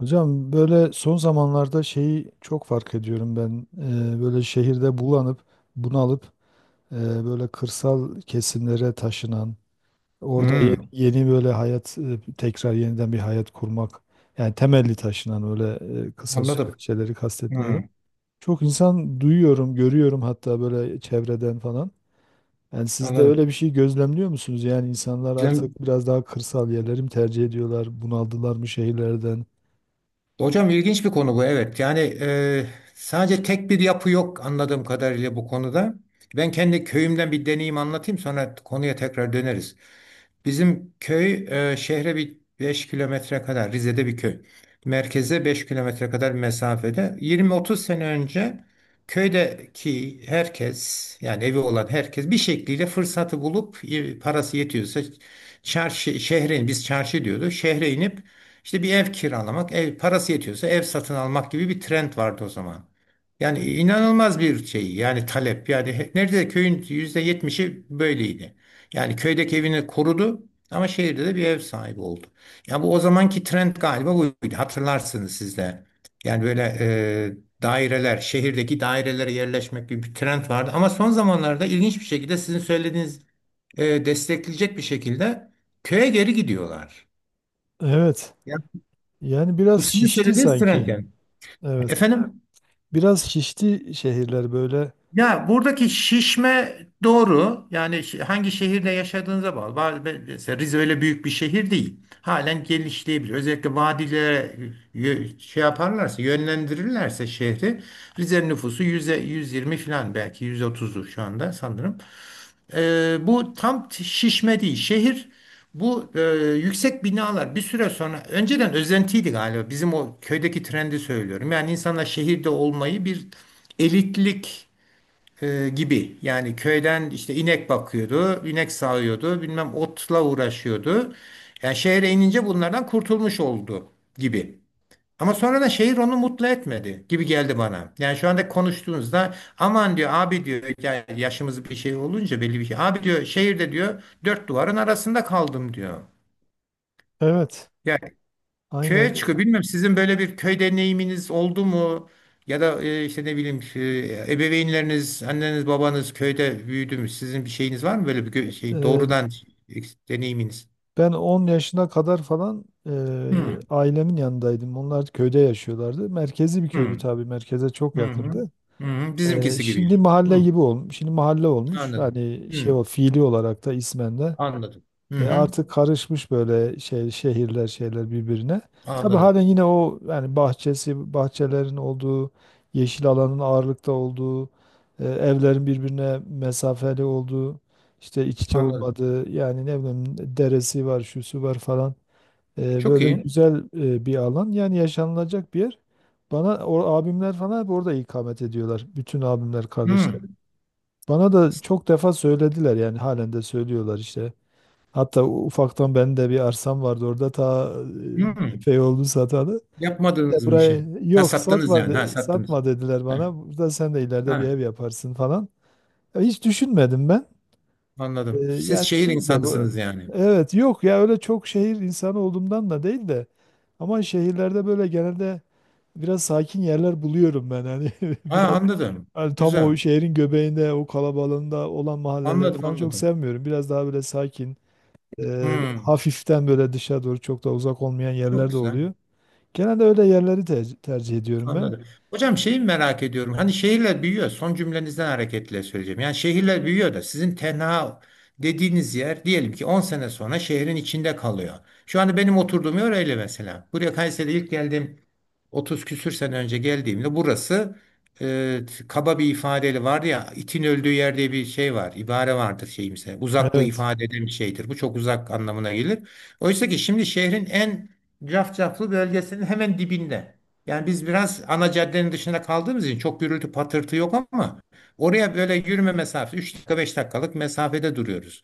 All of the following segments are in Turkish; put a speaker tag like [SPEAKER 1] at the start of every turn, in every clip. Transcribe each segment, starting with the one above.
[SPEAKER 1] Hocam böyle son zamanlarda şeyi çok fark ediyorum ben. Böyle şehirde bulanıp bunalıp eee, böyle kırsal kesimlere taşınan, orada
[SPEAKER 2] Hmm,
[SPEAKER 1] yeni, böyle hayat tekrar yeniden bir hayat kurmak yani temelli taşınan öyle kısa süre
[SPEAKER 2] anladım.
[SPEAKER 1] şeyleri kastetmiyorum.
[SPEAKER 2] Hmm,
[SPEAKER 1] Çok insan duyuyorum, görüyorum hatta böyle çevreden falan. Yani siz de
[SPEAKER 2] anladım.
[SPEAKER 1] öyle bir şey gözlemliyor musunuz? Yani insanlar
[SPEAKER 2] Hocam,
[SPEAKER 1] artık biraz daha kırsal yerleri mi tercih ediyorlar? Bunaldılar mı şehirlerden?
[SPEAKER 2] hocam ilginç bir konu bu. Evet. Sadece tek bir yapı yok anladığım kadarıyla bu konuda. Ben kendi köyümden bir deneyim anlatayım sonra konuya tekrar döneriz. Bizim köy şehre bir 5 kilometre kadar Rize'de bir köy. Merkeze 5 kilometre kadar bir mesafede. 20 30 sene önce köydeki herkes yani evi olan herkes bir şekliyle fırsatı bulup parası yetiyorsa çarşı şehre biz çarşı diyordu. Şehre inip işte bir ev kiralamak, ev parası yetiyorsa ev satın almak gibi bir trend vardı o zaman. Yani inanılmaz bir şey yani talep yani neredeyse köyün %70'i böyleydi. Yani köydeki evini korudu ama şehirde de bir ev sahibi oldu. Ya bu o zamanki trend galiba buydu. Hatırlarsınız siz de. Yani böyle daireler, şehirdeki dairelere yerleşmek gibi bir trend vardı. Ama son zamanlarda ilginç bir şekilde sizin söylediğiniz destekleyecek bir şekilde köye geri gidiyorlar.
[SPEAKER 1] Evet,
[SPEAKER 2] Ya
[SPEAKER 1] yani biraz
[SPEAKER 2] bu sizin
[SPEAKER 1] şişti
[SPEAKER 2] söylediğiniz trend
[SPEAKER 1] sanki.
[SPEAKER 2] yani.
[SPEAKER 1] Evet.
[SPEAKER 2] Efendim?
[SPEAKER 1] Biraz şişti şehirler böyle.
[SPEAKER 2] Ya buradaki şişme doğru. Yani hangi şehirde yaşadığınıza bağlı. Bazı- Mesela Rize öyle büyük bir şehir değil. Halen genişleyebilir. Özellikle vadilere şey yaparlarsa, yönlendirirlerse şehri. Rize'nin nüfusu 100'e 120 falan belki 130'u şu anda sanırım. Bu tam şişme değil. Şehir bu, yüksek binalar bir süre sonra önceden özentiydi galiba. Bizim o köydeki trendi söylüyorum. Yani insanlar şehirde olmayı bir elitlik gibi. Yani köyden işte inek bakıyordu, inek sağıyordu, bilmem otla uğraşıyordu. Yani şehre inince bunlardan kurtulmuş oldu gibi. Ama sonradan şehir onu mutlu etmedi gibi geldi bana. Yani şu anda konuştuğunuzda aman diyor abi diyor ya yaşımız bir şey olunca belli bir şey. Abi diyor şehirde diyor dört duvarın arasında kaldım diyor.
[SPEAKER 1] Evet.
[SPEAKER 2] Köye çıkıyor.
[SPEAKER 1] Aynen.
[SPEAKER 2] Bilmiyorum sizin böyle bir köy deneyiminiz oldu mu? Ya da işte ne bileyim ebeveynleriniz, anneniz, babanız köyde büyüdü mü? Sizin bir şeyiniz var mı böyle bir şey
[SPEAKER 1] Ee,
[SPEAKER 2] doğrudan e, deneyiminiz?
[SPEAKER 1] Ben 10 yaşına kadar falan
[SPEAKER 2] Hı
[SPEAKER 1] ailemin yanındaydım. Onlar köyde yaşıyorlardı. Merkezi bir
[SPEAKER 2] hı
[SPEAKER 1] köydü tabii. Merkeze çok
[SPEAKER 2] hı hı.
[SPEAKER 1] yakındı.
[SPEAKER 2] Hı hı. Bizimkisi gibi
[SPEAKER 1] Şimdi
[SPEAKER 2] yani.
[SPEAKER 1] mahalle
[SPEAKER 2] Hı,
[SPEAKER 1] gibi olmuş. Şimdi mahalle olmuş.
[SPEAKER 2] anladım.
[SPEAKER 1] Hani şey
[SPEAKER 2] Hı,
[SPEAKER 1] o fiili olarak da ismen de.
[SPEAKER 2] anladım. Hı hı,
[SPEAKER 1] Artık karışmış böyle şey şehirler şeyler birbirine. Tabii
[SPEAKER 2] anladım.
[SPEAKER 1] halen yine o yani bahçelerin olduğu, yeşil alanın ağırlıkta olduğu, evlerin birbirine mesafeli olduğu, işte iç içe
[SPEAKER 2] Anladım.
[SPEAKER 1] olmadığı, yani ne bileyim deresi var şusu var falan.
[SPEAKER 2] Çok
[SPEAKER 1] Böyle
[SPEAKER 2] iyi.
[SPEAKER 1] güzel bir alan, yani yaşanılacak bir yer. Bana o abimler falan hep orada ikamet ediyorlar. Bütün abimler
[SPEAKER 2] Hı,
[SPEAKER 1] kardeşlerim. Bana da çok defa söylediler yani halen de söylüyorlar işte. Hatta ufaktan benim de bir arsam vardı orada ta,
[SPEAKER 2] hı.
[SPEAKER 1] epey oldu satalı. Ya
[SPEAKER 2] Yapmadığınız mı
[SPEAKER 1] buraya,
[SPEAKER 2] işi? Ha
[SPEAKER 1] yok,
[SPEAKER 2] sattınız
[SPEAKER 1] satma
[SPEAKER 2] yani. Ha sattınız.
[SPEAKER 1] satma dediler
[SPEAKER 2] Ha,
[SPEAKER 1] bana. Burada sen de ileride bir
[SPEAKER 2] ha,
[SPEAKER 1] ev yaparsın falan. Ya hiç düşünmedim ben.
[SPEAKER 2] anladım. Siz
[SPEAKER 1] Yani
[SPEAKER 2] şehir
[SPEAKER 1] şimdi de bu,
[SPEAKER 2] insanısınız yani.
[SPEAKER 1] evet, yok ya, öyle çok şehir insanı olduğumdan da değil de, ama şehirlerde böyle genelde biraz sakin yerler buluyorum ben hani,
[SPEAKER 2] Ha,
[SPEAKER 1] biraz,
[SPEAKER 2] anladım.
[SPEAKER 1] hani tam o
[SPEAKER 2] Güzel.
[SPEAKER 1] şehrin göbeğinde o kalabalığında olan mahalleleri
[SPEAKER 2] Anladım,
[SPEAKER 1] falan çok
[SPEAKER 2] anladım.
[SPEAKER 1] sevmiyorum. Biraz daha böyle sakin,
[SPEAKER 2] Hmm,
[SPEAKER 1] hafiften böyle dışa doğru çok da uzak olmayan
[SPEAKER 2] çok
[SPEAKER 1] yerler de
[SPEAKER 2] güzel.
[SPEAKER 1] oluyor. Genelde öyle yerleri tercih ediyorum ben.
[SPEAKER 2] Anladım. Hocam şeyi merak ediyorum. Hani şehirler büyüyor. Son cümlenizden hareketle söyleyeceğim. Yani şehirler büyüyor da sizin tenha dediğiniz yer diyelim ki 10 sene sonra şehrin içinde kalıyor. Şu anda benim oturduğum yer öyle mesela. Buraya Kayseri'de ilk geldiğim 30 küsür sene önce geldiğimde burası e, kaba bir ifadeyle var ya itin öldüğü yer diye bir şey var. İbare vardır şeyimse. Uzaklığı
[SPEAKER 1] Evet.
[SPEAKER 2] ifade eden bir şeydir. Bu çok uzak anlamına gelir. Oysa ki şimdi şehrin en cafcaflı bölgesinin hemen dibinde. Yani biz biraz ana caddenin dışında kaldığımız için çok gürültü patırtı yok ama oraya böyle yürüme mesafesi 3 dakika 5 dakikalık mesafede duruyoruz.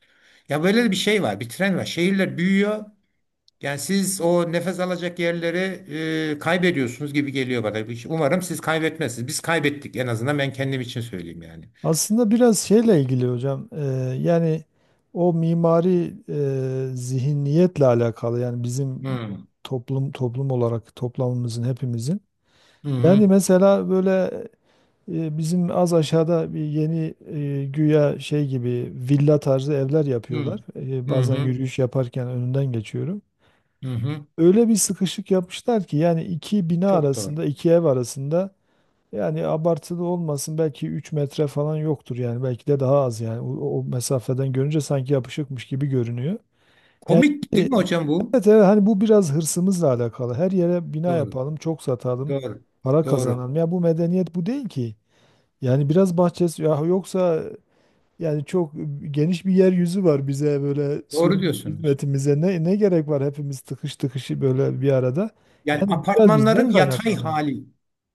[SPEAKER 2] Ya böyle bir şey var, bir tren var. Şehirler büyüyor. Yani siz o nefes alacak yerleri kaybediyorsunuz gibi geliyor bana. Umarım siz kaybetmezsiniz. Biz kaybettik, en azından ben kendim için söyleyeyim yani.
[SPEAKER 1] Aslında biraz şeyle ilgili hocam. Yani o mimari zihniyetle alakalı. Yani bizim
[SPEAKER 2] Hmm.
[SPEAKER 1] toplum olarak toplamımızın, hepimizin.
[SPEAKER 2] Hı
[SPEAKER 1] Yani
[SPEAKER 2] hı.
[SPEAKER 1] mesela böyle, bizim az aşağıda bir yeni, güya şey gibi villa tarzı evler
[SPEAKER 2] Hı
[SPEAKER 1] yapıyorlar.
[SPEAKER 2] hı.
[SPEAKER 1] Bazen
[SPEAKER 2] Hı
[SPEAKER 1] yürüyüş yaparken önünden geçiyorum.
[SPEAKER 2] hı. Hı.
[SPEAKER 1] Öyle bir sıkışık yapmışlar ki, yani iki bina
[SPEAKER 2] Çok doğru.
[SPEAKER 1] arasında, iki ev arasında yani, abartılı olmasın belki 3 metre falan yoktur, yani belki de daha az, yani o mesafeden görünce sanki yapışıkmış gibi görünüyor. Yani
[SPEAKER 2] Komik değil mi hocam bu?
[SPEAKER 1] evet, evet, hani bu biraz hırsımızla alakalı. Her yere bina
[SPEAKER 2] Doğru.
[SPEAKER 1] yapalım, çok satalım,
[SPEAKER 2] Doğru.
[SPEAKER 1] para
[SPEAKER 2] Doğru.
[SPEAKER 1] kazanalım. Ya bu medeniyet bu değil ki. Yani biraz bahçesi, ya yoksa yani çok geniş bir yeryüzü var bize böyle
[SPEAKER 2] Doğru
[SPEAKER 1] sunum
[SPEAKER 2] diyorsunuz.
[SPEAKER 1] hizmetimize, ne gerek var hepimiz tıkış tıkışı böyle bir arada.
[SPEAKER 2] Yani
[SPEAKER 1] Yani biraz bizden
[SPEAKER 2] apartmanların yatay
[SPEAKER 1] kaynaklanıyor.
[SPEAKER 2] hali.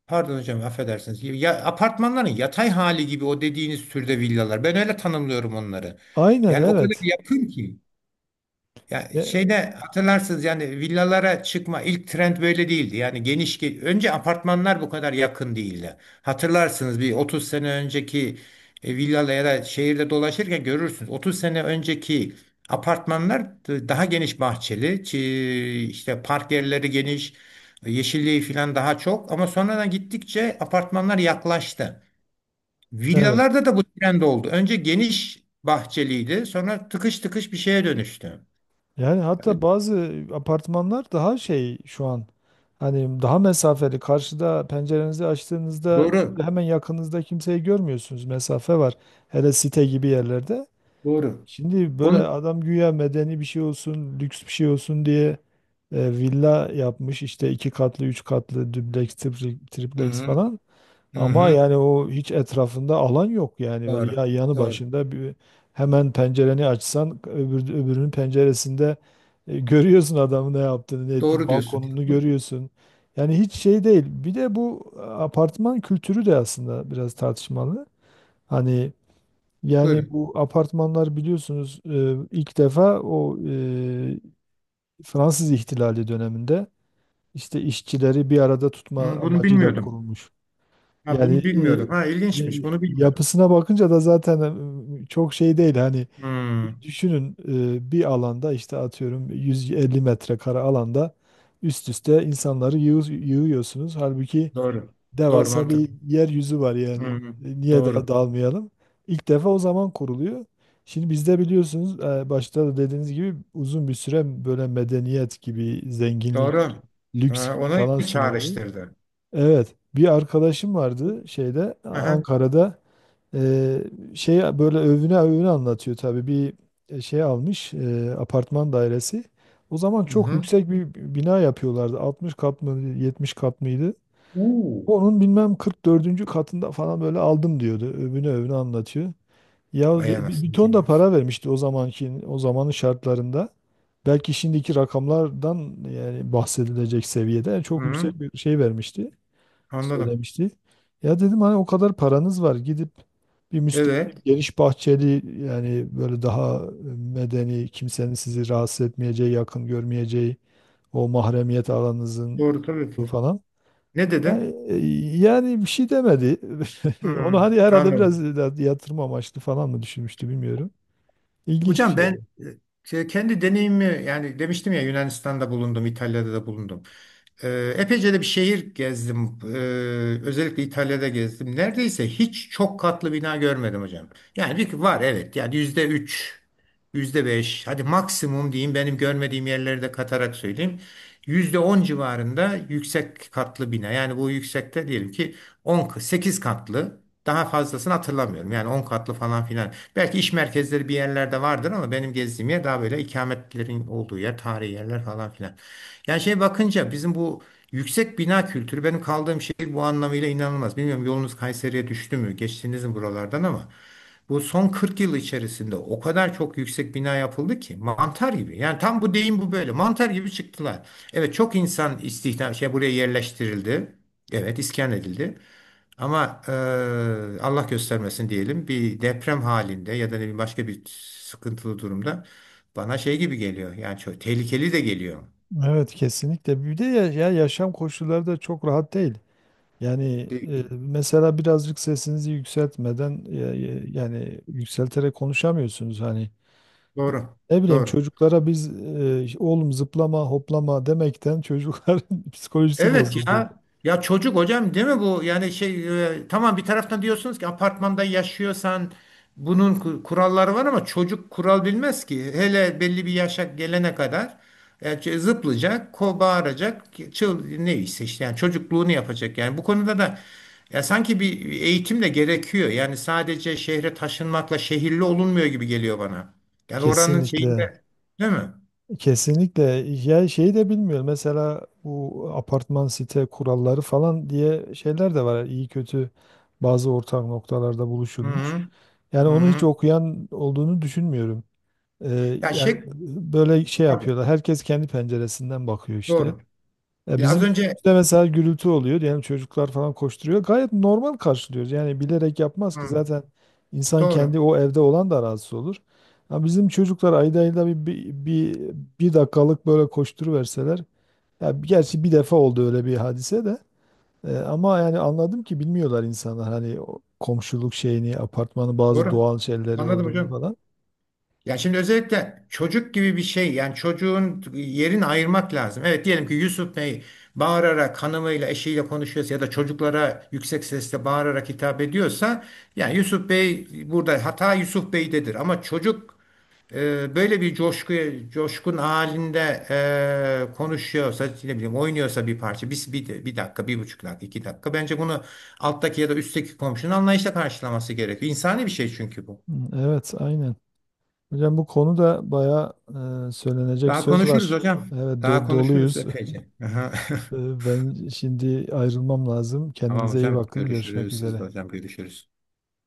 [SPEAKER 2] Pardon hocam, affedersiniz. Ya, apartmanların yatay hali gibi o dediğiniz türde villalar. Ben öyle tanımlıyorum onları.
[SPEAKER 1] Aynen
[SPEAKER 2] Yani o kadar
[SPEAKER 1] evet.
[SPEAKER 2] yakın ki. Ya
[SPEAKER 1] Ya-
[SPEAKER 2] şeyde hatırlarsınız yani villalara çıkma ilk trend böyle değildi. Yani önce apartmanlar bu kadar yakın değildi. Hatırlarsınız bir 30 sene önceki villala ya da şehirde dolaşırken görürsünüz. 30 sene önceki apartmanlar daha geniş bahçeli, işte park yerleri geniş, yeşilliği falan daha çok ama sonradan gittikçe apartmanlar yaklaştı.
[SPEAKER 1] evet.
[SPEAKER 2] Villalarda da bu trend oldu. Önce geniş bahçeliydi, sonra tıkış tıkış bir şeye dönüştü.
[SPEAKER 1] Yani hatta bazı apartmanlar daha şey şu an, hani daha mesafeli, karşıda pencerenizi açtığınızda
[SPEAKER 2] Doğru.
[SPEAKER 1] hemen yakınızda kimseyi görmüyorsunuz, mesafe var. Hele site gibi yerlerde.
[SPEAKER 2] Doğru.
[SPEAKER 1] Şimdi böyle
[SPEAKER 2] Onu...
[SPEAKER 1] adam güya medeni bir şey olsun, lüks bir şey olsun diye villa yapmış işte, 2 katlı, 3 katlı, dubleks,
[SPEAKER 2] Hı
[SPEAKER 1] triplex
[SPEAKER 2] hı.
[SPEAKER 1] falan.
[SPEAKER 2] Hı
[SPEAKER 1] Ama
[SPEAKER 2] hı.
[SPEAKER 1] yani o hiç etrafında alan yok, yani böyle
[SPEAKER 2] Doğru.
[SPEAKER 1] ya yanı
[SPEAKER 2] Doğru.
[SPEAKER 1] başında bir, hemen pencereni açsan öbürünün penceresinde görüyorsun adamın ne yaptığını, ne ettiğini,
[SPEAKER 2] Doğru diyorsun.
[SPEAKER 1] balkonunu
[SPEAKER 2] Bu-
[SPEAKER 1] görüyorsun. Yani hiç şey değil. Bir de bu apartman kültürü de aslında biraz tartışmalı. Hani, yani
[SPEAKER 2] Buyurun.
[SPEAKER 1] bu apartmanlar biliyorsunuz ilk defa o, Fransız ihtilali döneminde işte işçileri bir arada tutma
[SPEAKER 2] Hı, bunu
[SPEAKER 1] amacıyla
[SPEAKER 2] bilmiyordum.
[SPEAKER 1] kurulmuş.
[SPEAKER 2] Ha,
[SPEAKER 1] Yani
[SPEAKER 2] bunu bilmiyordum. Ha,
[SPEAKER 1] e, e,
[SPEAKER 2] ilginçmiş. Bunu bilmiyordum.
[SPEAKER 1] yapısına bakınca da zaten çok şey değil. Hani
[SPEAKER 2] Hı,
[SPEAKER 1] düşünün, bir alanda işte atıyorum 150 metrekare alanda üst üste insanları yığıyorsunuz. Halbuki
[SPEAKER 2] doğru. Doğru,
[SPEAKER 1] devasa
[SPEAKER 2] mantıklı.
[SPEAKER 1] bir yeryüzü var yani.
[SPEAKER 2] Hı,
[SPEAKER 1] Niye daha
[SPEAKER 2] doğru.
[SPEAKER 1] dalmayalım? İlk defa o zaman kuruluyor. Şimdi bizde biliyorsunuz, başta da dediğiniz gibi uzun bir süre böyle medeniyet gibi, zenginlik,
[SPEAKER 2] Doğru.
[SPEAKER 1] lüks
[SPEAKER 2] Ha,
[SPEAKER 1] gibi
[SPEAKER 2] ona
[SPEAKER 1] falan sunuldu.
[SPEAKER 2] çağrıştırdı.
[SPEAKER 1] Evet, bir arkadaşım vardı şeyde,
[SPEAKER 2] Hı hı.
[SPEAKER 1] Ankara'da, e, şey, böyle övüne övüne anlatıyor tabii, bir şey almış, apartman dairesi. O zaman
[SPEAKER 2] Hı
[SPEAKER 1] çok
[SPEAKER 2] hı.
[SPEAKER 1] yüksek bir bina yapıyorlardı. 60 kat mı 70 kat mıydı?
[SPEAKER 2] Uu.
[SPEAKER 1] Onun bilmem 44. katında falan böyle aldım diyordu. Övüne övüne anlatıyor. Ya
[SPEAKER 2] Vay
[SPEAKER 1] bir,
[SPEAKER 2] anasını
[SPEAKER 1] bir ton
[SPEAKER 2] satayım
[SPEAKER 1] da
[SPEAKER 2] ya.
[SPEAKER 1] para vermişti, o zamanın şartlarında. Belki şimdiki rakamlardan yani bahsedilecek seviyede, yani
[SPEAKER 2] Hı
[SPEAKER 1] çok
[SPEAKER 2] hı.
[SPEAKER 1] yüksek bir şey vermişti,
[SPEAKER 2] Anladım.
[SPEAKER 1] söylemişti. Ya dedim, hani o kadar paranız var, gidip bir müstakil
[SPEAKER 2] Evet.
[SPEAKER 1] geniş bahçeli, yani böyle daha medeni, kimsenin sizi rahatsız etmeyeceği, yakın görmeyeceği, o mahremiyet alanınızın
[SPEAKER 2] Doğru tabii
[SPEAKER 1] olduğu
[SPEAKER 2] ki.
[SPEAKER 1] falan.
[SPEAKER 2] Ne
[SPEAKER 1] E,
[SPEAKER 2] dedin?
[SPEAKER 1] Yani bir şey demedi.
[SPEAKER 2] Hı
[SPEAKER 1] Onu
[SPEAKER 2] hı.
[SPEAKER 1] hani herhalde biraz
[SPEAKER 2] Anladım.
[SPEAKER 1] da yatırım amaçlı falan mı düşünmüştü bilmiyorum. İlginç bir
[SPEAKER 2] Hocam
[SPEAKER 1] şey
[SPEAKER 2] ben
[SPEAKER 1] oldu.
[SPEAKER 2] e, kendi deneyimi yani demiştim ya Yunanistan'da bulundum, İtalya'da da bulundum. Epeyce de bir şehir gezdim. Özellikle İtalya'da gezdim. Neredeyse hiç çok katlı bina görmedim hocam. Yani bir var evet yani %3, yüzde beş hadi maksimum diyeyim benim görmediğim yerleri de katarak söyleyeyim. %10 civarında yüksek katlı bina. Yani bu yüksekte diyelim ki 10, 8 katlı daha fazlasını hatırlamıyorum. Yani 10 katlı falan filan. Belki iş merkezleri bir yerlerde vardır ama benim gezdiğim yer daha böyle ikametlerin olduğu yer, tarihi yerler falan filan. Yani şey bakınca bizim bu yüksek bina kültürü benim kaldığım şehir bu anlamıyla inanılmaz. Bilmiyorum yolunuz Kayseri'ye düştü mü? Geçtiniz mi buralardan ama bu son 40 yıl içerisinde o kadar çok yüksek bina yapıldı ki mantar gibi. Yani tam bu deyim bu böyle. Mantar gibi çıktılar. Evet çok insan istihdam şey buraya yerleştirildi. Evet iskan edildi. Ama Allah göstermesin diyelim bir deprem halinde ya da ne bileyim başka bir sıkıntılı durumda bana şey gibi geliyor. Yani çok tehlikeli de geliyor.
[SPEAKER 1] Evet, kesinlikle. Bir de ya, yaşam koşulları da çok rahat değil. Yani
[SPEAKER 2] Değil.
[SPEAKER 1] mesela birazcık sesinizi yükseltmeden, yani yükselterek konuşamıyorsunuz hani.
[SPEAKER 2] Doğru.
[SPEAKER 1] Ne bileyim,
[SPEAKER 2] Doğru.
[SPEAKER 1] çocuklara biz oğlum zıplama hoplama demekten çocukların psikolojisi
[SPEAKER 2] Evet
[SPEAKER 1] bozuldu.
[SPEAKER 2] ya. Ya çocuk hocam değil mi bu? Yani tamam bir taraftan diyorsunuz ki apartmanda yaşıyorsan bunun kuralları var ama çocuk kural bilmez ki. Hele belli bir yaşa gelene kadar zıplayacak, ko bağıracak, çıl neyse işte yani çocukluğunu yapacak. Yani bu konuda da ya sanki bir eğitim de gerekiyor. Yani sadece şehre taşınmakla şehirli olunmuyor gibi geliyor bana. Yani oranın
[SPEAKER 1] Kesinlikle.
[SPEAKER 2] şeyinde değil mi?
[SPEAKER 1] Kesinlikle. Ya şeyi de bilmiyorum. Mesela bu apartman site kuralları falan diye şeyler de var. İyi kötü bazı ortak noktalarda
[SPEAKER 2] Hı
[SPEAKER 1] buluşulmuş.
[SPEAKER 2] hı.
[SPEAKER 1] Yani
[SPEAKER 2] Hı
[SPEAKER 1] onu hiç
[SPEAKER 2] hı.
[SPEAKER 1] okuyan olduğunu düşünmüyorum.
[SPEAKER 2] Ya
[SPEAKER 1] Yani
[SPEAKER 2] şey.
[SPEAKER 1] böyle şey
[SPEAKER 2] Tabii,
[SPEAKER 1] yapıyorlar. Herkes kendi penceresinden bakıyor işte.
[SPEAKER 2] doğru.
[SPEAKER 1] Ya
[SPEAKER 2] Ya az
[SPEAKER 1] bizim
[SPEAKER 2] önce.
[SPEAKER 1] işte mesela gürültü oluyor diyelim, çocuklar falan koşturuyor. Gayet normal karşılıyoruz. Yani bilerek yapmaz ki
[SPEAKER 2] Hı,
[SPEAKER 1] zaten, insan
[SPEAKER 2] doğru.
[SPEAKER 1] kendi, o evde olan da rahatsız olur. Ya bizim çocuklar ayda ayda bir dakikalık böyle koşturuverseler. Ya gerçi bir defa oldu öyle bir hadise de. Ama yani anladım ki bilmiyorlar insanlar hani o komşuluk şeyini, apartmanın bazı
[SPEAKER 2] Doğru.
[SPEAKER 1] doğal şeyleri
[SPEAKER 2] Anladım
[SPEAKER 1] olduğunu
[SPEAKER 2] hocam.
[SPEAKER 1] falan.
[SPEAKER 2] Ya şimdi özellikle çocuk gibi bir şey yani çocuğun yerini ayırmak lazım. Evet diyelim ki Yusuf Bey bağırarak hanımıyla eşiyle konuşuyorsa ya da çocuklara yüksek sesle bağırarak hitap ediyorsa yani Yusuf Bey burada hata Yusuf Bey'dedir ama çocuk. Böyle bir coşku, coşkun halinde konuşuyorsa, ne bileyim oynuyorsa bir parça, bir dakika, bir buçuk dakika, iki dakika. Bence bunu alttaki ya da üstteki komşunun anlayışla karşılaması gerekiyor. İnsani bir şey çünkü bu.
[SPEAKER 1] Hı, evet, aynen. Hocam bu konuda bayağı söylenecek
[SPEAKER 2] Daha
[SPEAKER 1] söz
[SPEAKER 2] konuşuruz
[SPEAKER 1] var.
[SPEAKER 2] hocam.
[SPEAKER 1] Evet,
[SPEAKER 2] Daha konuşuruz
[SPEAKER 1] doluyuz.
[SPEAKER 2] epeyce. Aha.
[SPEAKER 1] Ben şimdi ayrılmam lazım.
[SPEAKER 2] Tamam
[SPEAKER 1] Kendinize iyi
[SPEAKER 2] hocam.
[SPEAKER 1] bakın. Görüşmek
[SPEAKER 2] Görüşürüz. Siz de
[SPEAKER 1] üzere.
[SPEAKER 2] hocam görüşürüz.